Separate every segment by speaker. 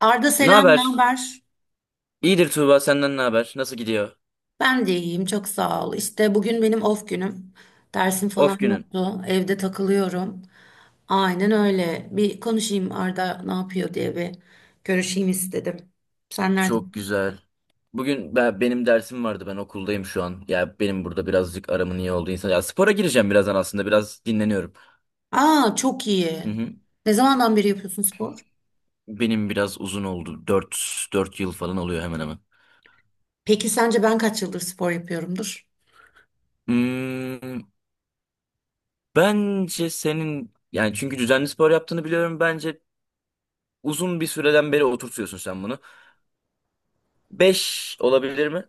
Speaker 1: Arda
Speaker 2: Ne
Speaker 1: selam, ne
Speaker 2: haber?
Speaker 1: haber?
Speaker 2: İyidir Tuğba, senden ne haber? Nasıl gidiyor?
Speaker 1: Ben de iyiyim, çok sağ ol. İşte bugün benim off günüm. Dersim falan
Speaker 2: Of günün.
Speaker 1: yoktu. Evde takılıyorum. Aynen öyle. Bir konuşayım Arda ne yapıyor diye bir görüşeyim istedim. Sen
Speaker 2: Çok
Speaker 1: neredesin?
Speaker 2: güzel. Bugün benim dersim vardı, ben okuldayım şu an. Ya benim burada birazcık aramın iyi olduğu insan. Ya spora gireceğim birazdan, aslında biraz dinleniyorum.
Speaker 1: Aa, çok iyi.
Speaker 2: Hı hı.
Speaker 1: Ne zamandan beri yapıyorsun spor?
Speaker 2: Benim biraz uzun oldu. Dört yıl falan oluyor, hemen hemen.
Speaker 1: Peki sence ben kaç yıldır spor yapıyorumdur?
Speaker 2: Hmm, Bence senin, yani çünkü düzenli spor yaptığını biliyorum. Bence uzun bir süreden beri oturtuyorsun sen bunu. 5 olabilir mi?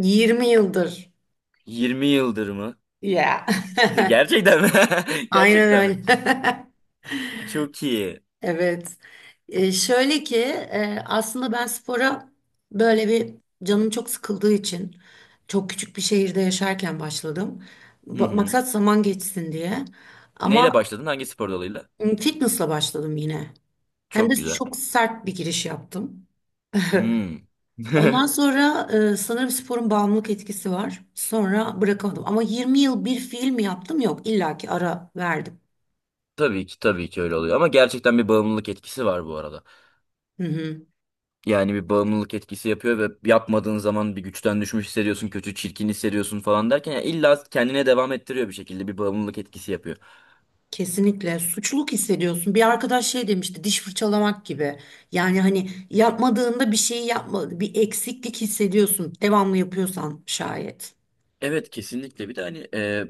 Speaker 1: 20 yıldır.
Speaker 2: 20 yıldır mı?
Speaker 1: Ya.
Speaker 2: Gerçekten mi?
Speaker 1: Aynen
Speaker 2: Gerçekten mi?
Speaker 1: öyle.
Speaker 2: Çok iyi.
Speaker 1: Evet. E, şöyle ki Aslında ben spora böyle bir canım çok sıkıldığı için çok küçük bir şehirde yaşarken başladım.
Speaker 2: Hı hı.
Speaker 1: Maksat zaman geçsin diye. Ama
Speaker 2: Neyle başladın? Hangi spor dalıyla?
Speaker 1: fitnessla başladım yine. Hem de
Speaker 2: Çok güzel.
Speaker 1: çok sert bir giriş yaptım.
Speaker 2: Hmm.
Speaker 1: Ondan sonra sanırım sporun bağımlılık etkisi var. Sonra bırakamadım. Ama 20 yıl bir fiil mi yaptım? Yok, illaki ara verdim.
Speaker 2: Tabii ki, tabii ki öyle oluyor ama gerçekten bir bağımlılık etkisi var bu arada.
Speaker 1: Hı hı.
Speaker 2: Yani bir bağımlılık etkisi yapıyor ve yapmadığın zaman bir güçten düşmüş hissediyorsun, kötü, çirkin hissediyorsun falan derken yani illa kendine devam ettiriyor bir şekilde, bir bağımlılık etkisi yapıyor.
Speaker 1: Kesinlikle suçluluk hissediyorsun. Bir arkadaş şey demişti, diş fırçalamak gibi. Yani hani yapmadığında bir şeyi yapma, bir eksiklik hissediyorsun. Devamlı yapıyorsan şayet.
Speaker 2: Evet, kesinlikle. Bir de hani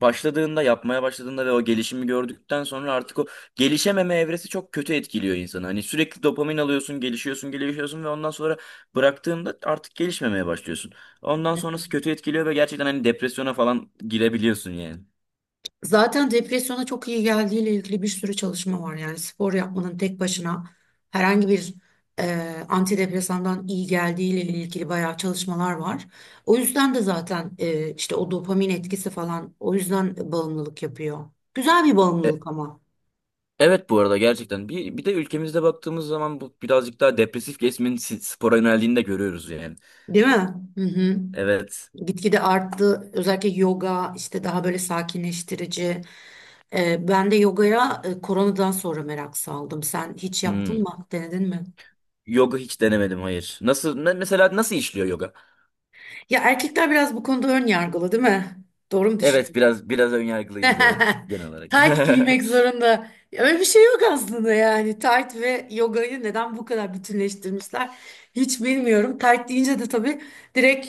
Speaker 2: başladığında, yapmaya başladığında ve o gelişimi gördükten sonra artık o gelişememe evresi çok kötü etkiliyor insanı. Hani sürekli dopamin alıyorsun, gelişiyorsun gelişiyorsun ve ondan sonra bıraktığında artık gelişmemeye başlıyorsun. Ondan sonrası kötü etkiliyor ve gerçekten hani depresyona falan girebiliyorsun yani.
Speaker 1: Zaten depresyona çok iyi geldiğiyle ilgili bir sürü çalışma var. Yani spor yapmanın tek başına herhangi bir antidepresandan iyi geldiğiyle ilgili bayağı çalışmalar var. O yüzden de zaten işte o dopamin etkisi falan o yüzden bağımlılık yapıyor. Güzel bir
Speaker 2: E,
Speaker 1: bağımlılık ama,
Speaker 2: evet, bu arada gerçekten, bir de ülkemizde baktığımız zaman bu birazcık daha depresif kesimin spora yöneldiğini de görüyoruz yani.
Speaker 1: değil mi? Hı hı.
Speaker 2: Evet.
Speaker 1: Gitgide arttı. Özellikle yoga işte daha böyle sakinleştirici. Ben de yogaya koronadan sonra merak saldım. Sen hiç
Speaker 2: Hmm.
Speaker 1: yaptın mı? Denedin mi?
Speaker 2: Yoga hiç denemedim, hayır. Nasıl mesela nasıl işliyor yoga?
Speaker 1: Ya erkekler biraz bu konuda ön yargılı, değil mi? Doğru mu
Speaker 2: Evet,
Speaker 1: düşündüm?
Speaker 2: biraz biraz önyargılıyız, evet, genel olarak.
Speaker 1: Tight giymek zorunda. Öyle bir şey yok aslında yani. Tight ve yogayı neden bu kadar bütünleştirmişler? Hiç bilmiyorum. Tight deyince de tabii direkt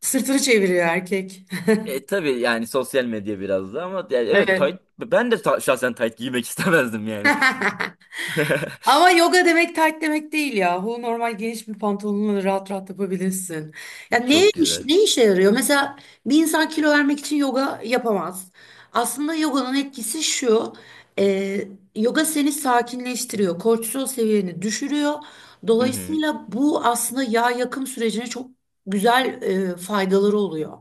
Speaker 1: sırtını çeviriyor erkek.
Speaker 2: Tabii, yani sosyal medya biraz da ama yani, evet, tight,
Speaker 1: Evet.
Speaker 2: ben de şahsen tight giymek istemezdim yani.
Speaker 1: Ama yoga demek tight demek değil yahu. Normal geniş bir pantolonla rahat rahat yapabilirsin. Ya ne
Speaker 2: Çok
Speaker 1: iş,
Speaker 2: güzel.
Speaker 1: ne işe yarıyor? Mesela bir insan kilo vermek için yoga yapamaz. Aslında yoganın etkisi şu. e, Yoga seni sakinleştiriyor. Kortisol seviyeni düşürüyor.
Speaker 2: Hı hı.
Speaker 1: Dolayısıyla bu aslında yağ yakım sürecine çok güzel faydaları oluyor.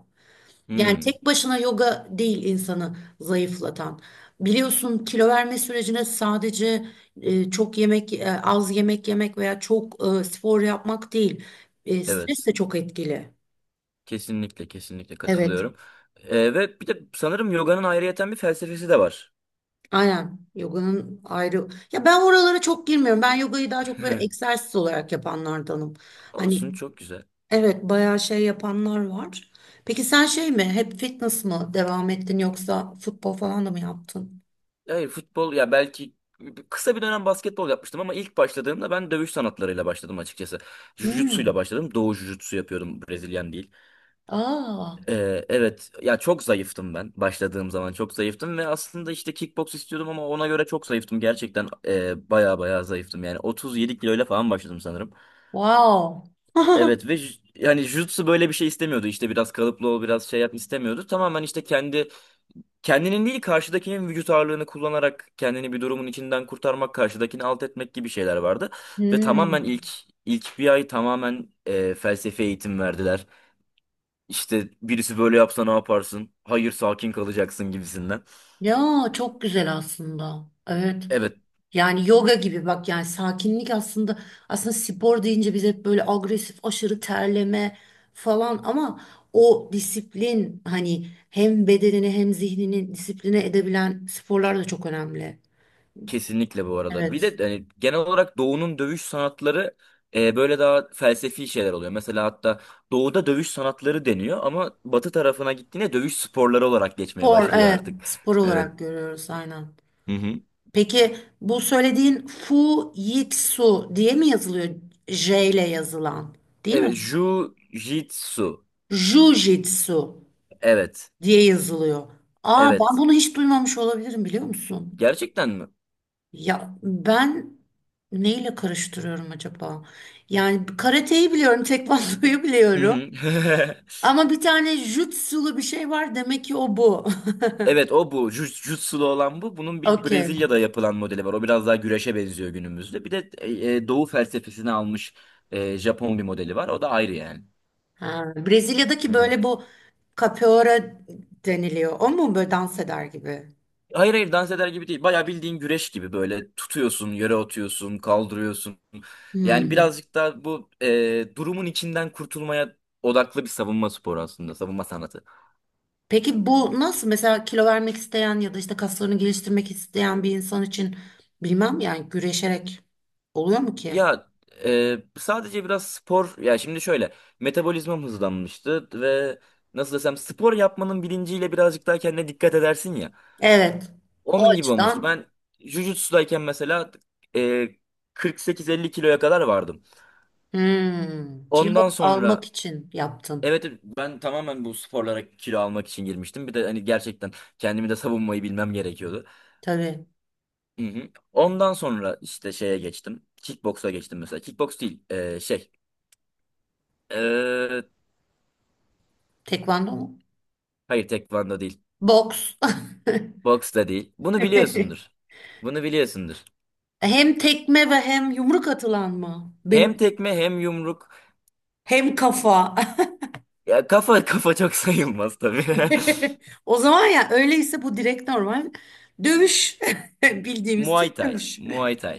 Speaker 1: Yani
Speaker 2: Hmm,
Speaker 1: tek başına yoga değil insanı zayıflatan. Biliyorsun kilo verme sürecine sadece az yemek yemek veya çok spor yapmak değil. E, stres
Speaker 2: evet.
Speaker 1: de çok etkili.
Speaker 2: Kesinlikle, kesinlikle
Speaker 1: Evet,
Speaker 2: katılıyorum. Ve bir de sanırım yoganın ayrıyeten bir felsefesi de var.
Speaker 1: aynen. Yoganın ayrı. Ya ben oralara çok girmiyorum. Ben yogayı daha çok böyle egzersiz olarak yapanlardanım. Hani
Speaker 2: Olsun, çok güzel.
Speaker 1: evet bayağı şey yapanlar var. Peki sen şey mi? Hep fitness mı devam ettin yoksa futbol falan da mı yaptın?
Speaker 2: Hayır, futbol, ya belki kısa bir dönem basketbol yapmıştım ama ilk başladığımda ben dövüş sanatlarıyla başladım açıkçası. Jujutsu'yla
Speaker 1: Hmm.
Speaker 2: başladım. Doğu Jujutsu yapıyordum, Brezilyan değil.
Speaker 1: Aa.
Speaker 2: Evet, ya çok zayıftım ben, başladığım zaman çok zayıftım ve aslında işte kickbox istiyordum ama ona göre çok zayıftım gerçekten, baya baya zayıftım yani, 37 kiloyla falan başladım sanırım.
Speaker 1: Wow.
Speaker 2: Evet ve yani jutsu böyle bir şey istemiyordu, işte biraz kalıplı ol, biraz şey yap istemiyordu, tamamen işte kendi kendinin değil karşıdakinin vücut ağırlığını kullanarak kendini bir durumun içinden kurtarmak, karşıdakini alt etmek gibi şeyler vardı ve tamamen
Speaker 1: Hmm.
Speaker 2: ilk bir ay tamamen felsefe eğitim verdiler. İşte birisi böyle yapsa ne yaparsın? Hayır, sakin kalacaksın gibisinden.
Speaker 1: Ya çok güzel aslında. Evet.
Speaker 2: Evet,
Speaker 1: Yani yoga gibi bak yani sakinlik aslında spor deyince biz hep böyle agresif aşırı terleme falan ama o disiplin hani hem bedenini hem zihnini disipline edebilen sporlar da çok önemli.
Speaker 2: kesinlikle bu arada. Bir
Speaker 1: Evet.
Speaker 2: de hani genel olarak Doğu'nun dövüş sanatları böyle daha felsefi şeyler oluyor. Mesela hatta Doğu'da dövüş sanatları deniyor ama Batı tarafına gittiğinde dövüş sporları olarak geçmeye
Speaker 1: Spor
Speaker 2: başlıyor
Speaker 1: evet,
Speaker 2: artık.
Speaker 1: spor
Speaker 2: Evet.
Speaker 1: olarak görüyoruz aynen.
Speaker 2: Hı hı.
Speaker 1: Peki bu söylediğin Fu Jitsu diye mi yazılıyor? J ile yazılan değil mi?
Speaker 2: Evet, Jiu-Jitsu.
Speaker 1: Jujitsu
Speaker 2: Evet.
Speaker 1: diye yazılıyor. Aa ben
Speaker 2: Evet.
Speaker 1: bunu hiç duymamış olabilirim biliyor musun?
Speaker 2: Gerçekten mi?
Speaker 1: Ya ben neyle karıştırıyorum acaba? Yani karateyi biliyorum, tekvandoyu
Speaker 2: Hı
Speaker 1: biliyorum.
Speaker 2: hı.
Speaker 1: Ama bir tane jutsulu bir şey var demek ki o bu.
Speaker 2: Evet, o bu. Jiu- Jitsu'lu olan bu. Bunun bir
Speaker 1: Okey.
Speaker 2: Brezilya'da yapılan modeli var. O biraz daha güreşe benziyor günümüzde. Bir de Doğu felsefesini almış Japon bir modeli var. O da ayrı yani.
Speaker 1: Ha, Brezilya'daki
Speaker 2: Hı hı.
Speaker 1: böyle bu capoeira deniliyor. O mu böyle dans eder gibi?
Speaker 2: Hayır, hayır, dans eder gibi değil. Bayağı bildiğin güreş gibi, böyle tutuyorsun, yere atıyorsun, kaldırıyorsun. Yani
Speaker 1: Hmm.
Speaker 2: birazcık daha bu durumun içinden kurtulmaya odaklı bir savunma sporu aslında. Savunma sanatı.
Speaker 1: Peki bu nasıl mesela kilo vermek isteyen ya da işte kaslarını geliştirmek isteyen bir insan için bilmem yani güreşerek oluyor mu ki?
Speaker 2: Ya, sadece biraz spor, ya şimdi şöyle, metabolizmam hızlanmıştı ve nasıl desem, spor yapmanın bilinciyle birazcık daha kendine dikkat edersin ya.
Speaker 1: Evet. O
Speaker 2: Onun gibi olmuştu.
Speaker 1: açıdan
Speaker 2: Ben jujutsu'dayken mesela e, 48-50 kiloya kadar vardım.
Speaker 1: hmm, kilo
Speaker 2: Ondan
Speaker 1: almak
Speaker 2: sonra
Speaker 1: için yaptın.
Speaker 2: evet, evet, ben tamamen bu sporlara kilo almak için girmiştim. Bir de hani gerçekten kendimi de savunmayı bilmem gerekiyordu.
Speaker 1: Tabii.
Speaker 2: Hı hı. Ondan sonra işte şeye geçtim. Kickbox'a geçtim mesela. Kickbox değil, şey. e,
Speaker 1: Tekvando mu?
Speaker 2: Hayır, tekvando değil.
Speaker 1: Boks.
Speaker 2: Boks da değil. Bunu biliyorsundur. Bunu biliyorsundur.
Speaker 1: Hem tekme ve hem yumruk atılan mı? Benim
Speaker 2: Hem tekme hem yumruk.
Speaker 1: hem kafa.
Speaker 2: Ya kafa, kafa çok sayılmaz tabii.
Speaker 1: O zaman ya öyleyse bu direkt normal dövüş. Bildiğimiz
Speaker 2: Muay
Speaker 1: Türk
Speaker 2: Thai.
Speaker 1: dövüş.
Speaker 2: Muay Thai.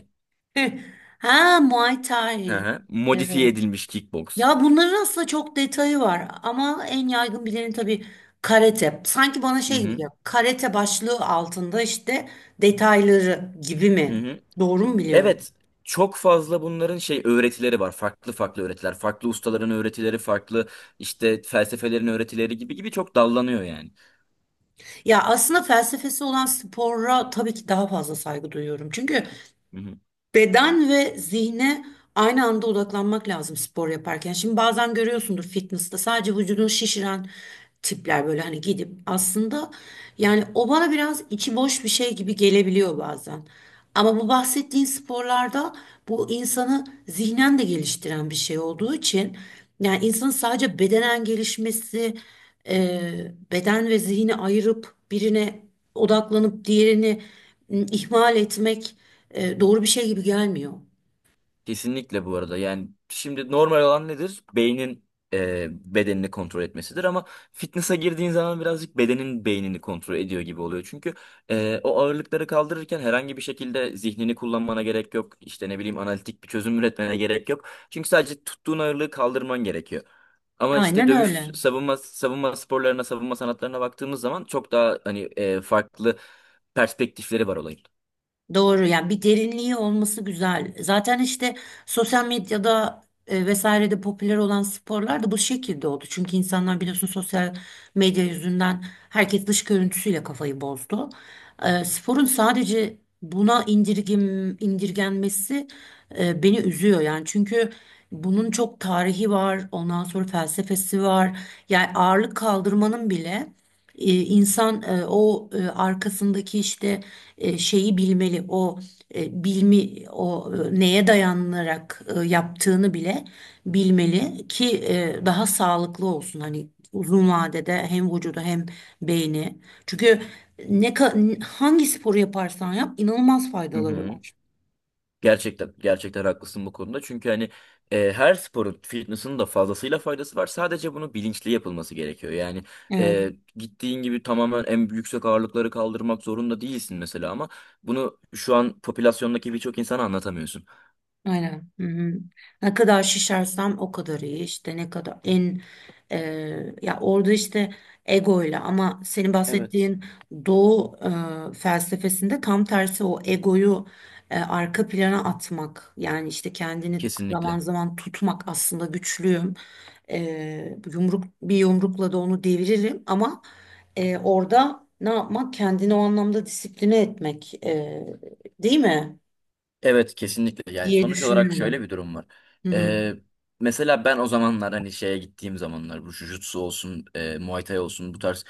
Speaker 1: Heh. Ha Muay Thai.
Speaker 2: Aha. Modifiye
Speaker 1: Evet.
Speaker 2: edilmiş kickboks.
Speaker 1: Ya bunların aslında çok detayı var ama en yaygın bileni tabii karate. Sanki bana
Speaker 2: Hı
Speaker 1: şey gibi
Speaker 2: hı.
Speaker 1: geliyor. Karate başlığı altında işte detayları gibi
Speaker 2: Hı
Speaker 1: mi?
Speaker 2: hı.
Speaker 1: Doğru mu biliyorum?
Speaker 2: Evet. Çok fazla bunların şey öğretileri var. Farklı farklı öğretiler. Farklı ustaların öğretileri, farklı işte felsefelerin öğretileri gibi gibi, çok dallanıyor yani.
Speaker 1: Ya aslında felsefesi olan spora tabii ki daha fazla saygı duyuyorum. Çünkü
Speaker 2: Hı hı.
Speaker 1: beden ve zihne aynı anda odaklanmak lazım spor yaparken. Şimdi bazen görüyorsundur fitness'ta sadece vücudunu şişiren tipler böyle hani gidip aslında yani o bana biraz içi boş bir şey gibi gelebiliyor bazen. Ama bu bahsettiğin sporlarda bu insanı zihnen de geliştiren bir şey olduğu için yani insanın sadece bedenen gelişmesi, e, beden ve zihni ayırıp birine odaklanıp diğerini ihmal etmek doğru bir şey gibi gelmiyor.
Speaker 2: Kesinlikle bu arada. Yani şimdi normal olan nedir? Beynin bedenini kontrol etmesidir ama fitness'a girdiğin zaman birazcık bedenin beynini kontrol ediyor gibi oluyor. Çünkü o ağırlıkları kaldırırken herhangi bir şekilde zihnini kullanmana gerek yok. İşte ne bileyim, analitik bir çözüm üretmene gerek yok. Çünkü sadece tuttuğun ağırlığı kaldırman gerekiyor. Ama işte
Speaker 1: Aynen
Speaker 2: dövüş,
Speaker 1: öyle.
Speaker 2: savunma sporlarına, savunma sanatlarına baktığımız zaman çok daha hani farklı perspektifleri var olayın.
Speaker 1: Doğru yani bir derinliği olması güzel. Zaten işte sosyal medyada vesairede popüler olan sporlar da bu şekilde oldu. Çünkü insanlar biliyorsun sosyal medya yüzünden herkes dış görüntüsüyle kafayı bozdu. E, sporun sadece buna indirgenmesi beni üzüyor yani. Çünkü bunun çok tarihi var, ondan sonra felsefesi var. Yani ağırlık kaldırmanın bile E, insan e, o e, arkasındaki işte şeyi bilmeli, o e, bilmi, o e, neye dayanarak yaptığını bile bilmeli ki daha sağlıklı olsun. Hani uzun vadede hem vücudu hem beyni. Çünkü hangi sporu yaparsan yap inanılmaz
Speaker 2: Hı
Speaker 1: faydaları
Speaker 2: hı.
Speaker 1: var.
Speaker 2: Gerçekten, gerçekten haklısın bu konuda. Çünkü hani her sporun, fitness'ın da fazlasıyla faydası var. Sadece bunu bilinçli yapılması gerekiyor. Yani
Speaker 1: Evet.
Speaker 2: gittiğin gibi tamamen en yüksek ağırlıkları kaldırmak zorunda değilsin mesela ama bunu şu an popülasyondaki birçok insana anlatamıyorsun.
Speaker 1: Aynen. Hı hı. Ne kadar şişersem o kadar iyi. İşte ne kadar en e, ya orada işte egoyla ama senin
Speaker 2: Evet.
Speaker 1: bahsettiğin Doğu felsefesinde tam tersi o egoyu arka plana atmak. Yani işte kendini zaman
Speaker 2: Kesinlikle.
Speaker 1: zaman tutmak aslında güçlüyüm. E, bir yumrukla da onu deviririm ama orada ne yapmak? Kendini o anlamda disipline etmek değil mi?
Speaker 2: Evet, kesinlikle, yani
Speaker 1: Diye
Speaker 2: sonuç olarak şöyle
Speaker 1: düşünüyorum.
Speaker 2: bir durum var.
Speaker 1: Hı hı.
Speaker 2: Ee, Mesela ben o zamanlar, hani şeye gittiğim zamanlar, bu jujutsu olsun, Muay Thai olsun, bu tarz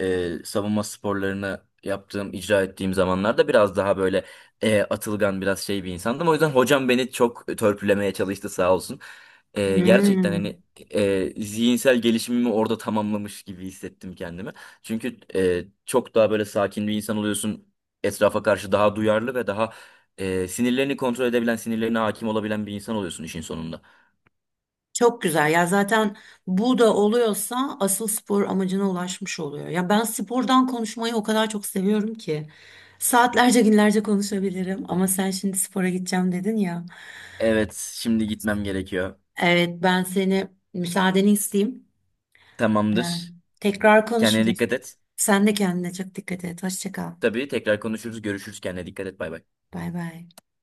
Speaker 2: savunma sporlarını yaptığım, icra ettiğim zamanlarda biraz daha böyle atılgan, biraz şey bir insandım. O yüzden hocam beni çok törpülemeye çalıştı, sağ olsun. Gerçekten
Speaker 1: Hmm,
Speaker 2: hani zihinsel gelişimimi orada tamamlamış gibi hissettim kendimi. Çünkü çok daha böyle sakin bir insan oluyorsun. Etrafa karşı daha duyarlı ve daha sinirlerini kontrol edebilen, sinirlerine hakim olabilen bir insan oluyorsun işin sonunda.
Speaker 1: çok güzel. Ya zaten bu da oluyorsa asıl spor amacına ulaşmış oluyor. Ya ben spordan konuşmayı o kadar çok seviyorum ki. Saatlerce günlerce konuşabilirim ama sen şimdi spora gideceğim dedin ya.
Speaker 2: Evet, şimdi gitmem gerekiyor.
Speaker 1: Evet ben seni müsaadeni isteyeyim. Ee,
Speaker 2: Tamamdır.
Speaker 1: Tekrar
Speaker 2: Kendine
Speaker 1: konuşuruz.
Speaker 2: dikkat et.
Speaker 1: Sen de kendine çok dikkat et. Hoşça kal.
Speaker 2: Tabii, tekrar konuşuruz, görüşürüz. Kendine dikkat et. Bay bay.
Speaker 1: Bay bay.